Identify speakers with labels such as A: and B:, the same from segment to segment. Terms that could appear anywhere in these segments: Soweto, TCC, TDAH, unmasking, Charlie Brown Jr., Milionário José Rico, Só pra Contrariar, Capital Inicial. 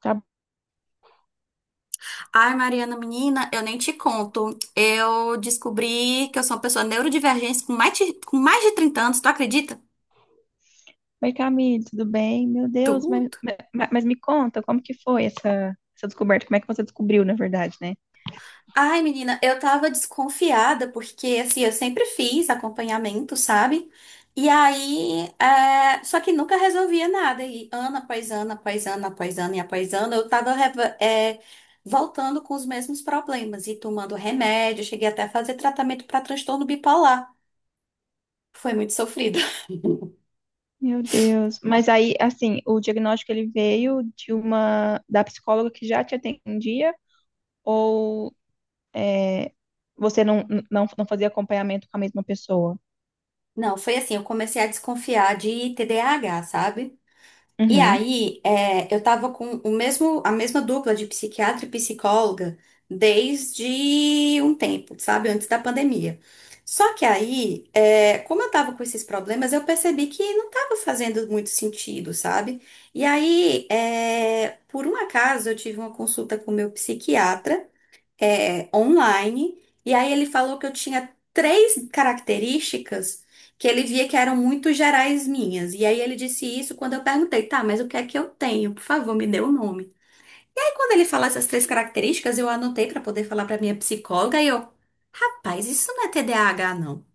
A: Tá,
B: Ai, Mariana, menina, eu nem te conto. Eu descobri que eu sou uma pessoa neurodivergente com mais de 30 anos, tu acredita?
A: oi Camille, tudo bem? Meu Deus, mas,
B: Tudo.
A: mas, mas me conta, como que foi essa descoberta? Como é que você descobriu, na verdade, né?
B: Ai, menina, eu tava desconfiada porque, assim, eu sempre fiz acompanhamento, sabe? E aí, só que nunca resolvia nada. E ano após ano, após ano, após ano e após ano, eu tava, voltando com os mesmos problemas e tomando remédio. Cheguei até a fazer tratamento para transtorno bipolar. Foi muito sofrido.
A: Meu Deus. Mas o diagnóstico ele veio de uma da psicóloga que já te atendia ou é, você não fazia acompanhamento com a mesma pessoa?
B: Não, foi assim, eu comecei a desconfiar de TDAH, sabe? E
A: Uhum.
B: aí, eu tava com a mesma dupla de psiquiatra e psicóloga desde um tempo, sabe? Antes da pandemia. Só que aí, como eu tava com esses problemas, eu percebi que não tava fazendo muito sentido, sabe? E aí, por um acaso, eu tive uma consulta com o meu psiquiatra, online. E aí ele falou que eu tinha três características que ele via que eram muito gerais minhas. E aí ele disse isso quando eu perguntei: tá, mas o que é que eu tenho? Por favor, me dê o nome. E aí quando ele falou essas três características, eu anotei pra poder falar pra minha psicóloga e eu, rapaz, isso não é TDAH, não.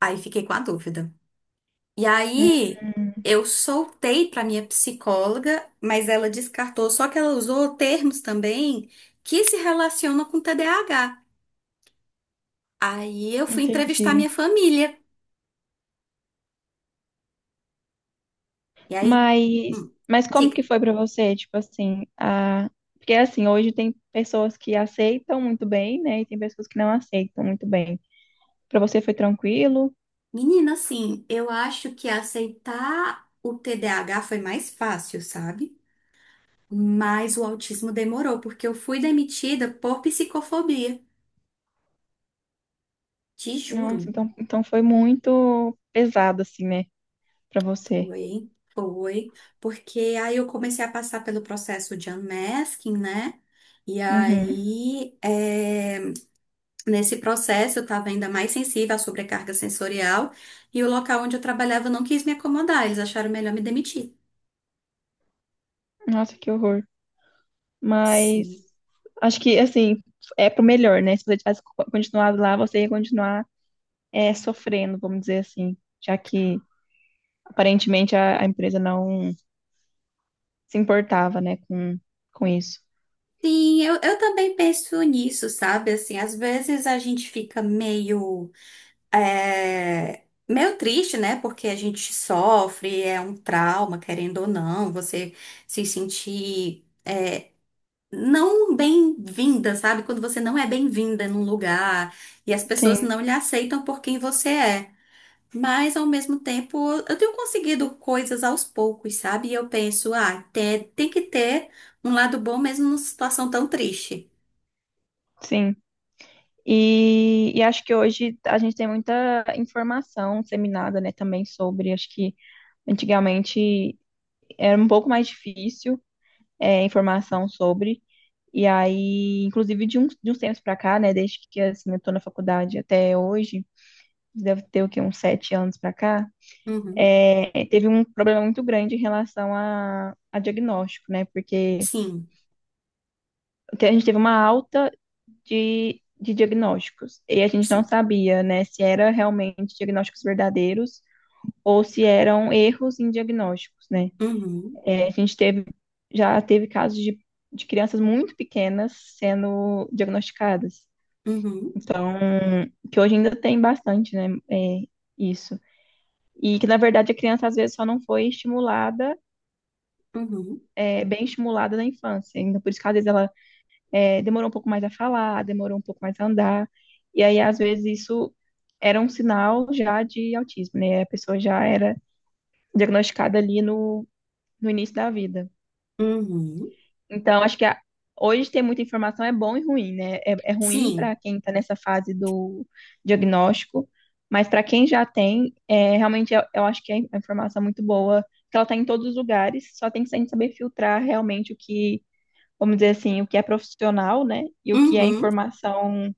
B: Aí fiquei com a dúvida. E
A: Hum,
B: aí eu soltei para minha psicóloga, mas ela descartou, só que ela usou termos também que se relacionam com TDAH. Aí eu fui entrevistar minha
A: entendi.
B: família. E aí,
A: Mas,
B: hum,
A: mas como
B: diga,
A: que foi pra você, tipo assim, a... Porque assim, hoje tem pessoas que aceitam muito bem, né, e tem pessoas que não aceitam muito bem. Pra você foi tranquilo?
B: menina, assim, eu acho que aceitar o TDAH foi mais fácil, sabe? Mas o autismo demorou, porque eu fui demitida por psicofobia. Te juro.
A: Nossa, então, então foi muito pesado, assim, né, pra você.
B: Foi, foi. Porque aí eu comecei a passar pelo processo de unmasking, né? E
A: Uhum.
B: aí, nesse processo, eu estava ainda mais sensível à sobrecarga sensorial, e o local onde eu trabalhava não quis me acomodar, eles acharam melhor me demitir.
A: Nossa, que horror. Mas
B: Sim.
A: acho que, assim, é pro melhor, né, se você tivesse continuado lá, você ia continuar sofrendo, vamos dizer assim, já que aparentemente a empresa não se importava, né, com isso.
B: Sim, eu também penso nisso, sabe? Assim, às vezes a gente fica meio triste, né? Porque a gente sofre, é um trauma, querendo ou não, você se sentir não bem-vinda, sabe? Quando você não é bem-vinda num lugar e as pessoas
A: Sim,
B: não lhe aceitam por quem você é. Mas, ao mesmo tempo, eu tenho conseguido coisas aos poucos, sabe? E eu penso: ah, tem que ter um lado bom mesmo numa situação tão triste.
A: sim. E acho que hoje a gente tem muita informação disseminada, né, também sobre, acho que antigamente era um pouco mais difícil informação sobre, e aí, inclusive de uns tempos para cá, né, desde que assim, eu tô na faculdade até hoje, deve ter o quê, uns sete anos para cá,
B: Uhum.
A: teve um problema muito grande em relação a diagnóstico, né, porque
B: Sim,
A: a gente teve uma alta de diagnósticos. E a gente não
B: sim.
A: sabia, né, se era realmente diagnósticos verdadeiros ou se eram erros em diagnósticos, né?
B: Uhum,
A: É, a gente teve, já teve casos de crianças muito pequenas sendo diagnosticadas.
B: uhum,
A: Então, que hoje ainda tem bastante, né, é, isso. E que, na verdade, a criança, às vezes, só não foi estimulada,
B: uhum,
A: bem estimulada na infância. Então, por isso que, às vezes, ela demorou um pouco mais a falar, demorou um pouco mais a andar. E aí, às vezes, isso era um sinal já de autismo, né? A pessoa já era diagnosticada ali no início da vida.
B: uhum.
A: Então, hoje ter muita informação é bom e ruim, né? É, é ruim
B: Sim.
A: para quem está nessa fase do diagnóstico, mas para quem já tem, é, realmente eu acho que é uma informação é muito boa, porque ela está em todos os lugares, só tem que a saber filtrar realmente o que, vamos dizer assim, o que é profissional, né? E o que é
B: Uhum.
A: informação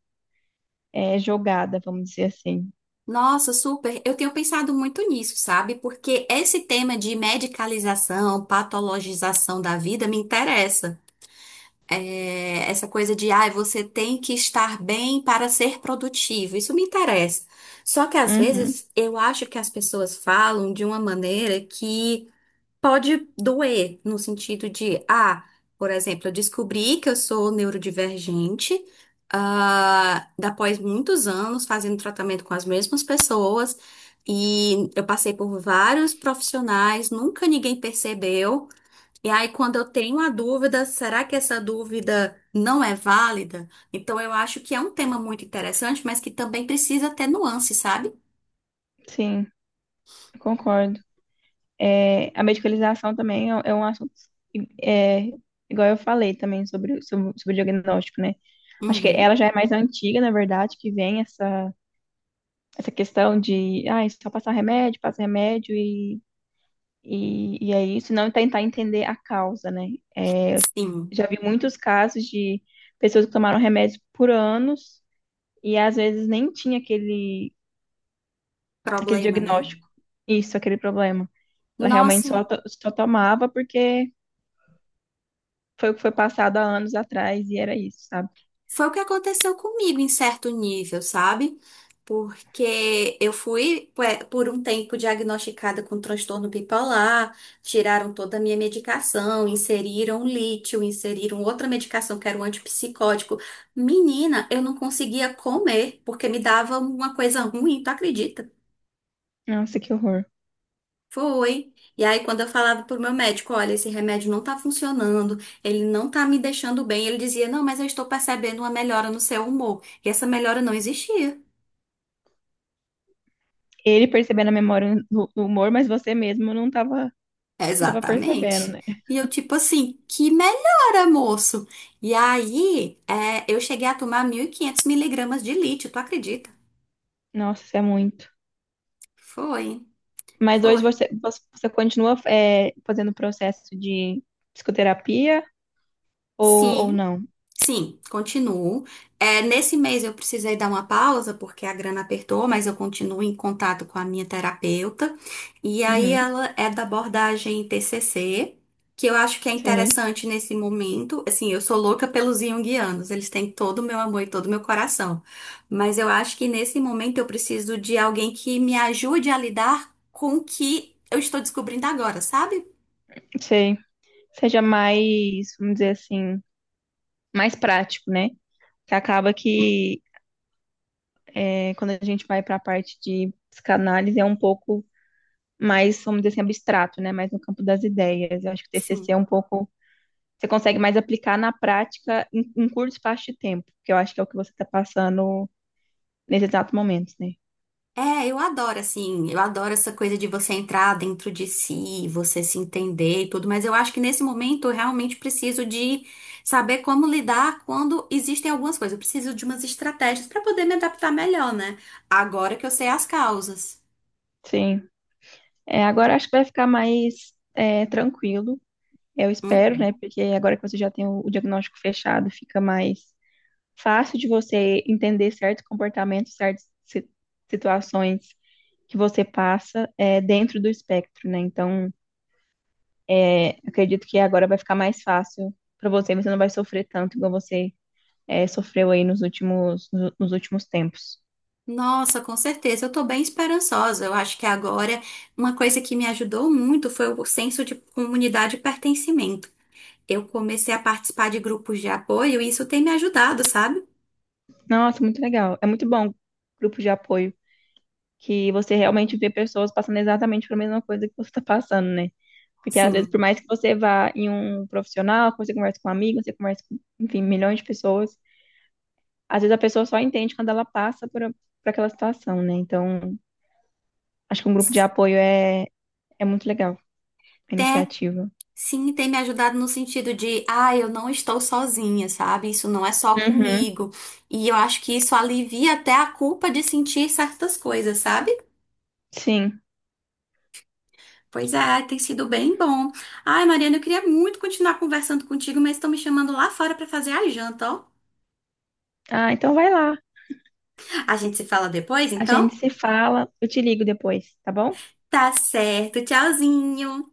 A: jogada, vamos dizer assim.
B: Nossa, super. Eu tenho pensado muito nisso, sabe? Porque esse tema de medicalização, patologização da vida me interessa. É, essa coisa de: ah, você tem que estar bem para ser produtivo. Isso me interessa. Só que às
A: Uhum,
B: vezes eu acho que as pessoas falam de uma maneira que pode doer, no sentido de: ah, por exemplo, eu descobri que eu sou neurodivergente, ah, após muitos anos fazendo tratamento com as mesmas pessoas, e eu passei por vários profissionais, nunca ninguém percebeu. E aí, quando eu tenho a dúvida, será que essa dúvida não é válida? Então, eu acho que é um tema muito interessante, mas que também precisa ter nuance, sabe?
A: sim, concordo. É, a medicalização também é um assunto, é, igual eu falei também sobre o diagnóstico, né? Acho que
B: Uhum,
A: ela já é mais antiga, na verdade, que vem essa, essa questão de, ah, é só passar remédio, passa remédio e, e é isso, não tentar entender a causa, né? É,
B: sim.
A: já vi muitos casos de pessoas que tomaram remédio por anos e às vezes nem tinha aquele
B: Problema, né?
A: diagnóstico. Isso, aquele problema. Ela realmente só,
B: Nossa.
A: só tomava porque foi o que foi passado há anos atrás e era isso, sabe?
B: Foi o que aconteceu comigo em certo nível, sabe? Porque eu fui por um tempo diagnosticada com transtorno bipolar, tiraram toda a minha medicação, inseriram lítio, inseriram outra medicação que era um antipsicótico. Menina, eu não conseguia comer porque me dava uma coisa ruim, tu acredita?
A: Nossa, que horror.
B: Foi. E aí, quando eu falava pro meu médico: olha, esse remédio não tá funcionando, ele não tá me deixando bem, ele dizia: não, mas eu estou percebendo uma melhora no seu humor. E essa melhora não existia.
A: Ele percebendo a memória do humor, mas você mesmo não tava, não tava percebendo,
B: Exatamente.
A: né?
B: E eu, tipo assim: que melhora, moço? E aí, eu cheguei a tomar 1.500 miligramas de lítio, tu acredita?
A: Nossa, isso é muito.
B: Foi,
A: Mas hoje
B: foi.
A: você, você continua é, fazendo o processo de psicoterapia ou
B: Sim.
A: não?
B: Sim, continuo. É, nesse mês eu precisei dar uma pausa porque a grana apertou, mas eu continuo em contato com a minha terapeuta. E aí
A: Uhum,
B: ela é da abordagem TCC, que eu acho que é
A: sim.
B: interessante nesse momento. Assim, eu sou louca pelos junguianos, eles têm todo o meu amor e todo o meu coração. Mas eu acho que nesse momento eu preciso de alguém que me ajude a lidar com o que eu estou descobrindo agora, sabe?
A: Sei. Seja mais, vamos dizer assim, mais prático, né? Que acaba que é, quando a gente vai para a parte de psicanálise, é um pouco mais, vamos dizer assim, abstrato, né? Mais no campo das ideias. Eu acho que o TCC
B: Sim.
A: é um pouco. Você consegue mais aplicar na prática em, em curto espaço de tempo, que eu acho que é o que você está passando nesse exato momento, né?
B: É, eu adoro, assim, eu adoro essa coisa de você entrar dentro de si, você se entender e tudo, mas eu acho que nesse momento eu realmente preciso de saber como lidar quando existem algumas coisas. Eu preciso de umas estratégias para poder me adaptar melhor, né? Agora que eu sei as causas.
A: Sim. É, agora acho que vai ficar mais é, tranquilo, eu espero, né?
B: Uhum.
A: Porque agora que você já tem o diagnóstico fechado, fica mais fácil de você entender certos comportamentos, certas situações que você passa é, dentro do espectro, né? Então, é, acredito que agora vai ficar mais fácil para você, você não vai sofrer tanto igual você é, sofreu aí nos últimos, nos últimos tempos.
B: Nossa, com certeza, eu tô bem esperançosa. Eu acho que agora uma coisa que me ajudou muito foi o senso de comunidade e pertencimento. Eu comecei a participar de grupos de apoio e isso tem me ajudado, sabe?
A: Nossa, muito legal. É muito bom grupo de apoio, que você realmente vê pessoas passando exatamente pela mesma coisa que você está passando, né? Porque às vezes,
B: Sim.
A: por mais que você vá em um profissional, que você converse com um amigo, você conversa com, enfim, milhões de pessoas, às vezes a pessoa só entende quando ela passa por aquela situação, né? Então, acho que um grupo de apoio é é muito legal a iniciativa.
B: Sim, tem me ajudado no sentido de: ah, eu não estou sozinha, sabe? Isso não é só
A: Uhum,
B: comigo. E eu acho que isso alivia até a culpa de sentir certas coisas, sabe?
A: sim.
B: Pois é, tem sido bem bom. Ai, Mariana, eu queria muito continuar conversando contigo, mas estão me chamando lá fora para fazer a janta, ó.
A: Ah, então vai lá.
B: A gente se fala depois,
A: A
B: então?
A: gente se fala. Eu te ligo depois, tá bom?
B: Tá certo. Tchauzinho.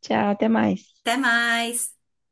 A: Tchau, até mais.
B: Até mais.